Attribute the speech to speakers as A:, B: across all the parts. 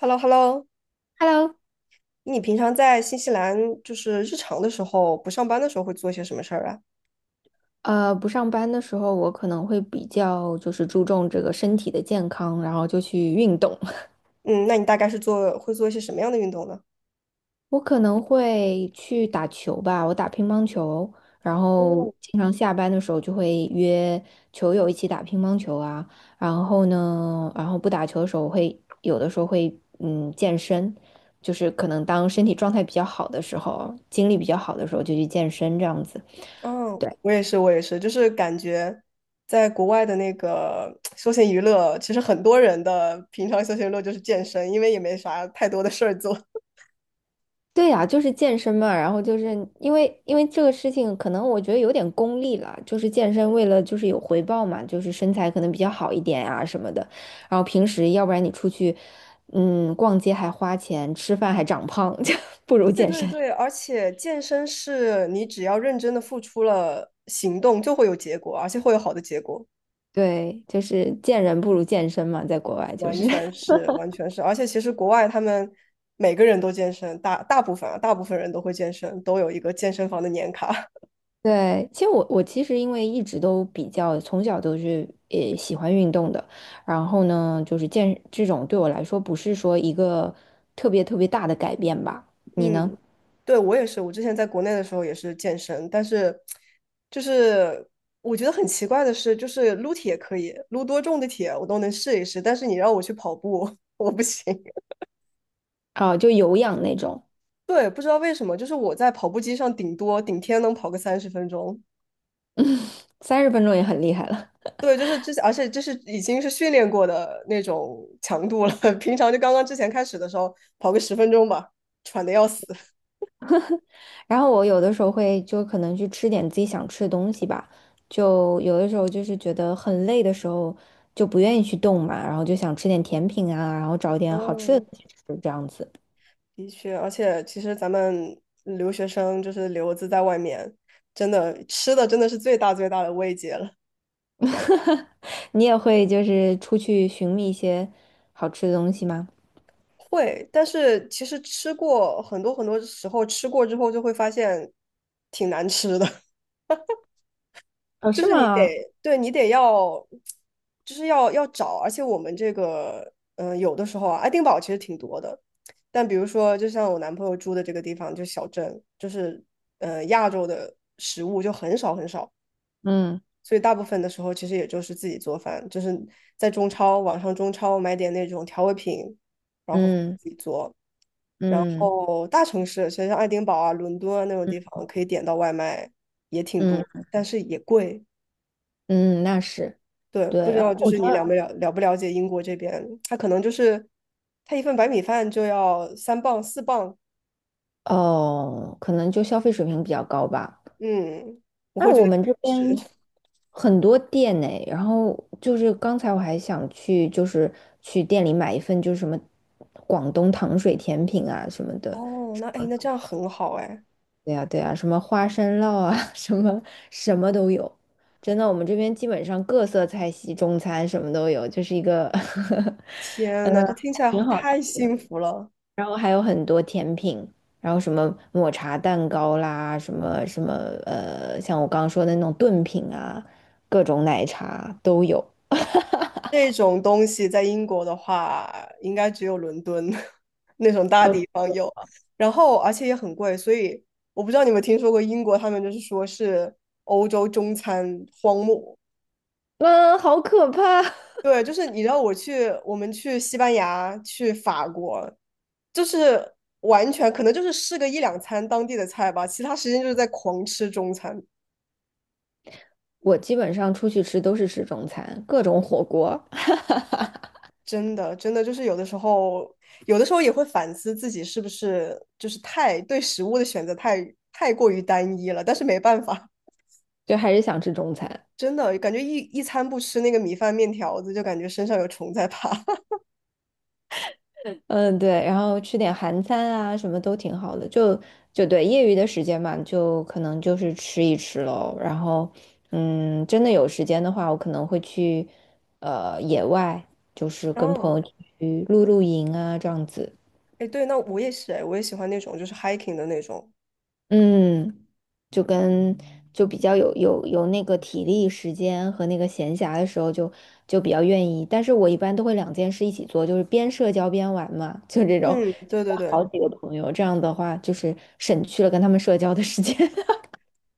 A: h e l l o h e l l o。
B: Hello，
A: 你平常在新西兰，就是日常的时候，不上班的时候会做些什么事儿啊？
B: 不上班的时候，我可能会比较就是注重这个身体的健康，然后就去运动。
A: 嗯，那你大概是会做一些什么样的运动呢？
B: 我可能会去打球吧，我打乒乓球，然后
A: 嗯，
B: 经常下班的时候就会约球友一起打乒乓球啊。然后呢，然后不打球的时候会有的时候会健身，就是可能当身体状态比较好的时候，精力比较好的时候就去健身这样子。
A: 嗯，
B: 对。
A: 我也是，我也是，就是感觉在国外的那个休闲娱乐，其实很多人的平常休闲娱乐就是健身，因为也没啥太多的事儿做。
B: 对呀，就是健身嘛，然后就是因为这个事情，可能我觉得有点功利了，就是健身为了就是有回报嘛，就是身材可能比较好一点呀、什么的，然后平时要不然你出去，逛街还花钱，吃饭还长胖，就不 如
A: 对
B: 健
A: 对
B: 身。
A: 对，而且健身是你只要认真的付出了行动，就会有结果，而且会有好的结果。
B: 对，就是见人不如健身嘛，在国外就
A: 完
B: 是。
A: 全 是，完全是，而且其实国外他们每个人都健身，大部分人都会健身，都有一个健身房的年卡。
B: 对，其实我其实因为一直都比较从小都是喜欢运动的，然后呢，就是健这种对我来说不是说一个特别特别大的改变吧？你
A: 嗯，
B: 呢？
A: 对，我也是，我之前在国内的时候也是健身，但是就是我觉得很奇怪的是，就是撸铁可以，撸多重的铁我都能试一试，但是你让我去跑步，我不行。
B: 啊，就有氧那种，
A: 对，不知道为什么，就是我在跑步机上顶多顶天能跑个30分钟。
B: 三十分钟也很厉害了。
A: 对，就是之前，而且这是已经是训练过的那种强度了。平常就刚刚之前开始的时候，跑个十分钟吧，喘的要死。
B: 然后我有的时候会就可能去吃点自己想吃的东西吧，就有的时候就是觉得很累的时候就不愿意去动嘛，然后就想吃点甜品啊，然后找点好吃的
A: 嗯，
B: 东西吃这样子。
A: 的确，而且其实咱们留学生就是留子在外面，真的吃的真的是最大最大的慰藉了。
B: 哈哈，你也会就是出去寻觅一些好吃的东西吗？
A: 会，但是其实吃过很多很多时候，吃过之后就会发现挺难吃的。
B: 哦，
A: 就
B: 是
A: 是你
B: 吗？
A: 得，对你得要，就是要找，而且我们这个，嗯、有的时候啊，爱丁堡其实挺多的，但比如说，就像我男朋友住的这个地方，就小镇，就是，亚洲的食物就很少很少，
B: 嗯
A: 所以大部分的时候其实也就是自己做饭，就是在中超，网上中超买点那种调味品，然后
B: 嗯
A: 自己做。然
B: 嗯
A: 后大城市，其实像爱丁堡啊、伦敦啊那种地方，可以点到外卖也挺
B: 嗯
A: 多，但是也贵。
B: 嗯，那是
A: 对，
B: 对。
A: 不知
B: 然
A: 道
B: 后
A: 就
B: 我
A: 是
B: 觉
A: 你了
B: 得，
A: 没了了不了解英国这边，他可能就是他一份白米饭就要3磅4磅，
B: 哦，可能就消费水平比较高吧。
A: 嗯，我
B: 那
A: 会觉
B: 我
A: 得
B: 们这
A: 是
B: 边 很多店呢，然后就是刚才我还想去，就是去店里买一份，就是什么广东糖水甜品啊什么的，
A: 哦，那哎，那这样很好哎，
B: 对呀，对呀，什么花生酪啊，什么什么都有。真的，我们这边基本上各色菜系、中餐什么都有，就是一个，
A: 天
B: 嗯，
A: 呐，这听起
B: 还
A: 来好
B: 挺好
A: 太
B: 吃。
A: 幸福了。
B: 然后还有很多甜品，然后什么抹茶蛋糕啦，什么什么像我刚刚说的那种炖品啊，各种奶茶都有。
A: 这种东西在英国的话，应该只有伦敦 那种大
B: 哦，
A: 地方有，然后而且也很贵，所以我不知道你们听说过英国，他们就是说是欧洲中餐荒漠，
B: 嗯，好可怕！
A: 对，就是你知道我去，我们去西班牙、去法国，就是完全可能就是试个一两餐当地的菜吧，其他时间就是在狂吃中餐。
B: 我基本上出去吃都是吃中餐，各种火锅，
A: 真的，真的就是有的时候，有的时候也会反思自己是不是就是太对食物的选择太过于单一了，但是没办法，
B: 就还是想吃中餐。
A: 真的感觉一餐不吃那个米饭面条子，就感觉身上有虫在爬。
B: 嗯，对，然后吃点韩餐啊，什么都挺好的。就就对，业余的时间嘛，就可能就是吃一吃喽。然后，嗯，真的有时间的话，我可能会去野外，就是 跟朋
A: 嗯，
B: 友去露露营啊，这样子。
A: 哎，对，那我也是，哎，我也喜欢那种就是 hiking 的那种。
B: 嗯。就跟就比较有那个体力、时间和那个闲暇的时候就，就比较愿意。但是我一般都会两件事一起做，就是边社交边玩嘛，就这种，
A: 嗯，
B: 就
A: 对对对。
B: 好几个朋友，这样的话就是省去了跟他们社交的时间。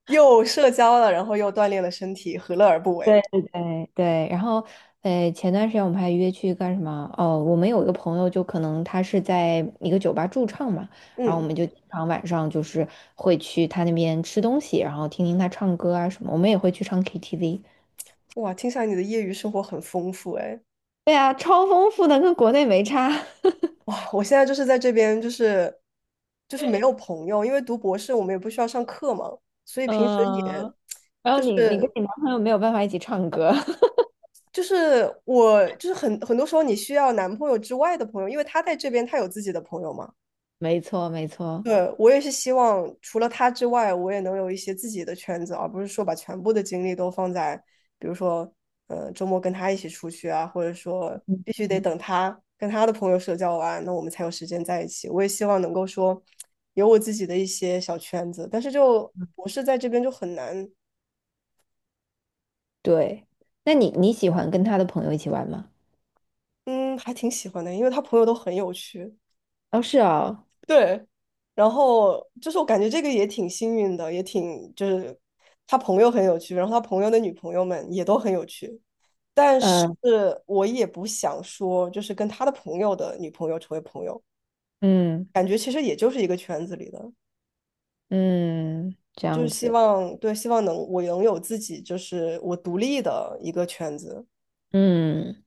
A: 又社交了，然后又锻炼了身体，何乐而不为？
B: 对对对对，然后前段时间我们还约去干什么？哦，我们有一个朋友，就可能他是在一个酒吧驻唱嘛，然后我
A: 嗯，
B: 们就经常晚上就是会去他那边吃东西，然后听听他唱歌啊什么，我们也会去唱 KTV。
A: 哇，听起来你的业余生活很丰富哎。
B: 对啊，超丰富的，跟国内没差。
A: 哇，我现在就是在这边，就是没有朋友，因为读博士我们也不需要上课嘛，所以平时也
B: 嗯，然后
A: 就
B: 你跟
A: 是
B: 你男朋友没有办法一起唱歌，
A: 我就是很多时候你需要男朋友之外的朋友，因为他在这边他有自己的朋友嘛，
B: 没错，没错，
A: 对，我也是希望，除了他之外，我也能有一些自己的圈子，而不是说把全部的精力都放在，比如说，周末跟他一起出去啊，或者说必须得等他跟他的朋友社交完，那我们才有时间在一起。我也希望能够说，有我自己的一些小圈子，但是就我是在这边就很难，
B: 对。那你喜欢跟他的朋友一起玩吗？
A: 嗯，还挺喜欢的，因为他朋友都很有趣。
B: 哦，是哦，
A: 对，然后就是我感觉这个也挺幸运的，也挺就是他朋友很有趣，然后他朋友的女朋友们也都很有趣，但是
B: 嗯
A: 我也不想说就是跟他的朋友的女朋友成为朋友，
B: 嗯
A: 感觉其实也就是一个圈子里的，
B: 嗯，这
A: 就是
B: 样
A: 希
B: 子，
A: 望对，希望能我能有自己就是我独立的一个圈子，
B: 嗯，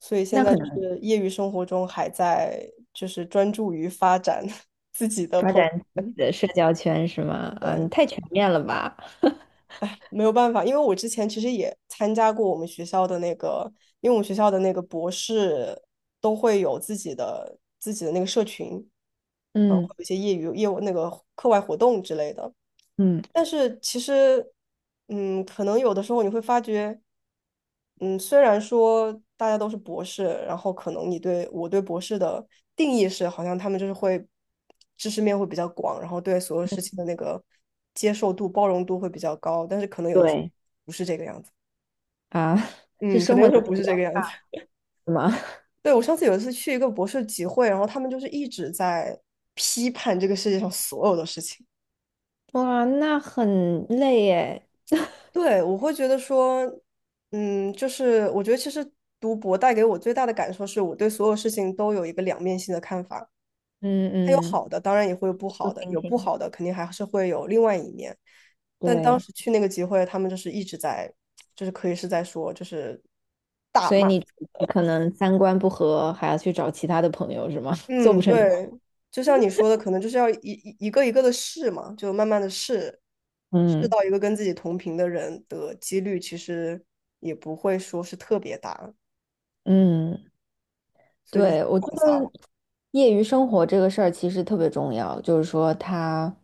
A: 所以现
B: 那
A: 在
B: 可
A: 就
B: 能
A: 是业余生活中还在就是专注于发展 自己的
B: 发
A: 朋友
B: 展自己
A: 圈，
B: 的社交圈是吗？嗯，你
A: 对。
B: 太全面了吧？
A: 哎，没有办法，因为我之前其实也参加过我们学校的那个，因为我们学校的那个博士都会有自己的那个社群，然后会
B: 嗯
A: 有一些业余那个课外活动之类的。
B: 嗯，
A: 但是其实，嗯，可能有的时候你会发觉，嗯，虽然说大家都是博士，然后可能你对我对博士的定义是，好像他们就是会知识面会比较广，然后对所有事情的那个接受度、包容度会比较高，但是可能有的时候
B: 对，
A: 不是这个样子。
B: 啊，是
A: 嗯，可
B: 生
A: 能
B: 活
A: 有的时候
B: 能力
A: 不是这个样子。
B: 是吗？
A: 对，我上次有一次去一个博士集会，然后他们就是一直在批判这个世界上所有的事情。
B: 哇，那很累耶。
A: 对，我会觉得说，嗯，就是我觉得其实读博带给我最大的感受是我对所有事情都有一个两面性的看法。
B: 嗯
A: 它有
B: 嗯，
A: 好的，当然也会有不
B: 不
A: 好
B: t
A: 的，有不
B: h
A: 好的肯定还是会有另外一面。但当
B: 对。
A: 时去那个集会，他们就是一直在，就是可以是在说，就是大
B: 所以
A: 骂。
B: 你可能三观不合，还要去找其他的朋友是吗？做不
A: 嗯，
B: 成朋
A: 对，
B: 友。
A: 就像你说的，可能就是要一个一个的试嘛，就慢慢的试，试
B: 嗯
A: 到一个跟自己同频的人的几率，其实也不会说是特别大，
B: 嗯，
A: 所以就是
B: 对，我觉
A: 广撒
B: 得
A: 网。
B: 业余生活这个事儿其实特别重要，就是说它，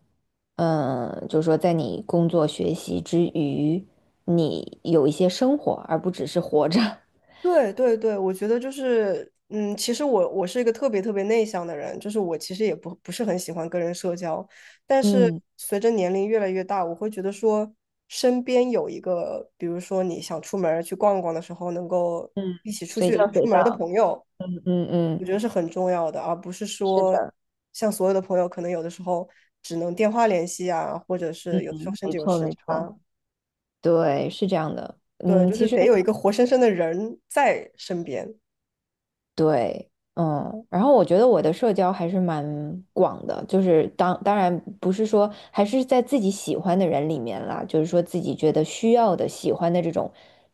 B: 嗯，就是说在你工作学习之余，你有一些生活，而不只是活着。
A: 对对对，我觉得就是，嗯，其实我是一个特别特别内向的人，就是我其实也不是很喜欢跟人社交，但是
B: 嗯
A: 随着年龄越来越大，我会觉得说，身边有一个，比如说你想出门儿去逛逛的时候，能够
B: 嗯，
A: 一起出
B: 随
A: 去
B: 叫随
A: 出门儿的
B: 到。
A: 朋友，
B: 嗯嗯，
A: 我觉得是很重要的，而不是
B: 是
A: 说
B: 的，
A: 像所有的朋友，可能有的时候只能电话联系啊，或者是有的时候
B: 嗯，
A: 甚
B: 没
A: 至有
B: 错
A: 时
B: 没错，
A: 差，
B: 对，是这样的。
A: 对，
B: 嗯，
A: 就是
B: 其实。
A: 得有一个活生生的人在身边，
B: 对，嗯，然后我觉得我的社交还是蛮广的，就是当然不是说还是在自己喜欢的人里面啦，就是说自己觉得需要的、喜欢的这种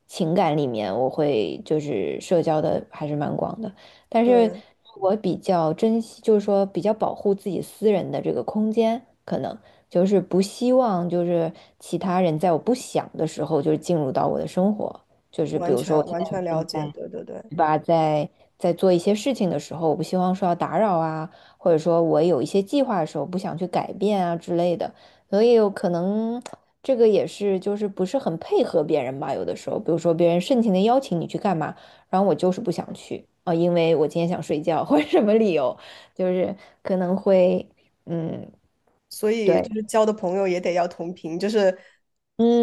B: 情感里面，我会就是社交的还是蛮广的，但是
A: 对。
B: 我比较珍惜，就是说比较保护自己私人的这个空间，可能就是不希望就是其他人在我不想的时候就是进入到我的生活，就是比
A: 完
B: 如说我
A: 全
B: 现
A: 完
B: 在
A: 全了
B: 正
A: 解，
B: 在
A: 对对对，
B: 吧，在在做一些事情的时候，我不希望受到打扰啊，或者说我有一些计划的时候不想去改变啊之类的，所以有可能这个也是就是不是很配合别人吧，有的时候，比如说别人盛情的邀请你去干嘛，然后我就是不想去啊，因为我今天想睡觉或者什么理由，就是可能会嗯
A: 所以
B: 对
A: 就是交的朋友也得要同频，就是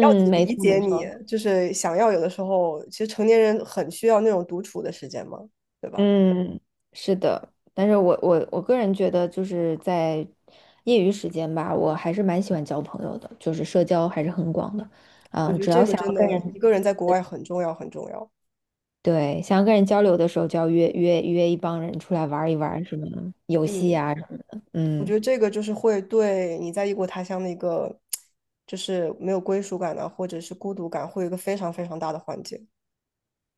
A: 要
B: 没
A: 理
B: 错
A: 解
B: 没
A: 你，
B: 错。
A: 就是想要有的时候，其实成年人很需要那种独处的时间嘛，对吧？
B: 嗯，是的，但是我我个人觉得，就是在业余时间吧，我还是蛮喜欢交朋友的，就是社交还是很广的。
A: 我
B: 嗯，
A: 觉得
B: 只要
A: 这个
B: 想
A: 真
B: 要跟
A: 的一
B: 人，
A: 个人在国外很重要，很重要。
B: 对，想要跟人交流的时候，就要约一帮人出来玩儿一玩儿什么游戏
A: 嗯，
B: 啊什么的。
A: 我
B: 嗯。
A: 觉得这个就是会对你在异国他乡的一个，就是没有归属感啊，或者是孤独感，会有一个非常非常大的缓解。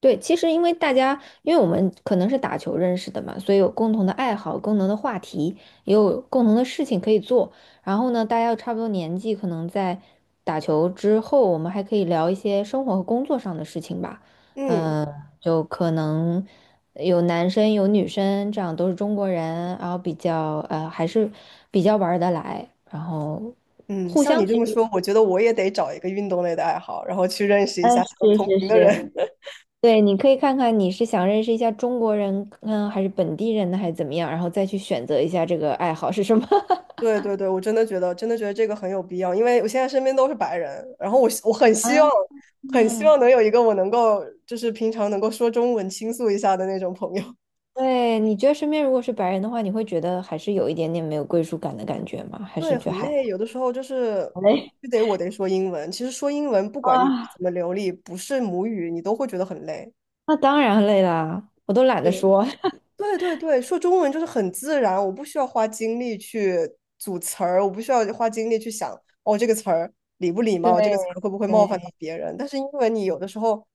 B: 对，其实因为大家，因为我们可能是打球认识的嘛，所以有共同的爱好、共同的话题，也有共同的事情可以做。然后呢，大家又差不多年纪，可能在打球之后，我们还可以聊一些生活和工作上的事情吧。
A: 嗯。
B: 嗯、就可能有男生有女生，这样都是中国人，然后比较还是比较玩儿得来，然后
A: 嗯，
B: 互
A: 像你
B: 相
A: 这
B: 其
A: 么
B: 实，
A: 说，我觉得我也得找一个运动类的爱好，然后去认识一下
B: 嗯，
A: 相
B: 是
A: 同
B: 是
A: 频的
B: 是，
A: 人。
B: 对，你可以看看你是想认识一下中国人，嗯，还是本地人呢，还是怎么样，然后再去选择一下这个爱好是什么。
A: 对对对，我真的觉得，真的觉得这个很有必要，因为我现在身边都是白人，然后我很希望，
B: 啊，
A: 很希望能有一个我能够，就是平常能够说中文倾诉一下的那种朋友。
B: 对，你觉得身边如果是白人的话，你会觉得还是有一点点没有归属感的感觉吗？还是
A: 对，
B: 觉得
A: 很
B: 还
A: 累，有的时候就是
B: 好
A: 嗯
B: 嘞？
A: 必须得我得说英文。其实说英文，不 管你
B: 啊，
A: 怎么流利，不是母语，你都会觉得很累。
B: 那当然累啦，我都懒得说。
A: 对对对对，说中文就是很自然，我不需要花精力去组词儿，我不需要花精力去想，哦，这个词儿礼不礼
B: 对
A: 貌，这个词儿会不会冒犯
B: 对，
A: 到别人。但是英文你有的时候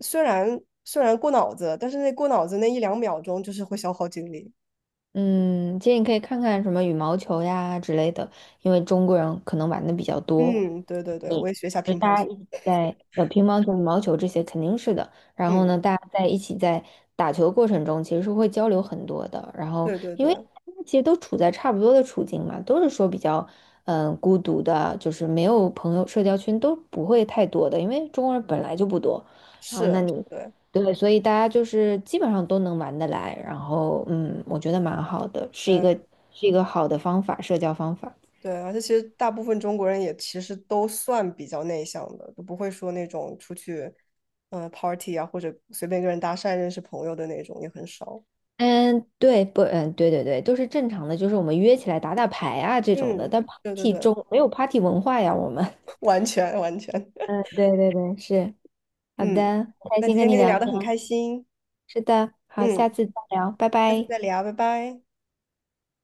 A: 虽然过脑子，但是那过脑子那一两秒钟就是会消耗精力。
B: 嗯，其实你可以看看什么羽毛球呀之类的，因为中国人可能玩的比较多。
A: 嗯，对对对，我
B: 你
A: 也学一下
B: 就
A: 乒乓
B: 大
A: 球。
B: 家一起在乒乓球、羽毛球这些肯定是的。然后
A: 嗯，
B: 呢，大家在一起在打球过程中，其实是会交流很多的。然后，
A: 对对
B: 因为大
A: 对，
B: 家其实都处在差不多的处境嘛，都是说比较嗯、孤独的，就是没有朋友，社交圈都不会太多的，因为中国人本来就不多。然后，那
A: 是，
B: 你
A: 对
B: 对，所以大家就是基本上都能玩得来。然后，嗯，我觉得蛮好的，是一个
A: 对。
B: 是一个好的方法，社交方法。
A: 对，而且其实大部分中国人也其实都算比较内向的，都不会说那种出去，party 啊，或者随便跟人搭讪认识朋友的那种也很少。
B: 嗯，对，不，嗯，对对对，都是正常的，就是我们约起来打打牌啊这种的，
A: 嗯，
B: 但
A: 对对
B: party
A: 对，
B: 中没有 party 文化呀，我们。
A: 完全完全。
B: 嗯，对对对，是，好
A: 嗯，
B: 的，开
A: 那
B: 心
A: 今
B: 跟
A: 天
B: 你
A: 跟你
B: 聊
A: 聊
B: 天，
A: 的很开心，
B: 是的，好，
A: 嗯，
B: 下次再聊，拜
A: 下次
B: 拜。
A: 再聊，拜拜。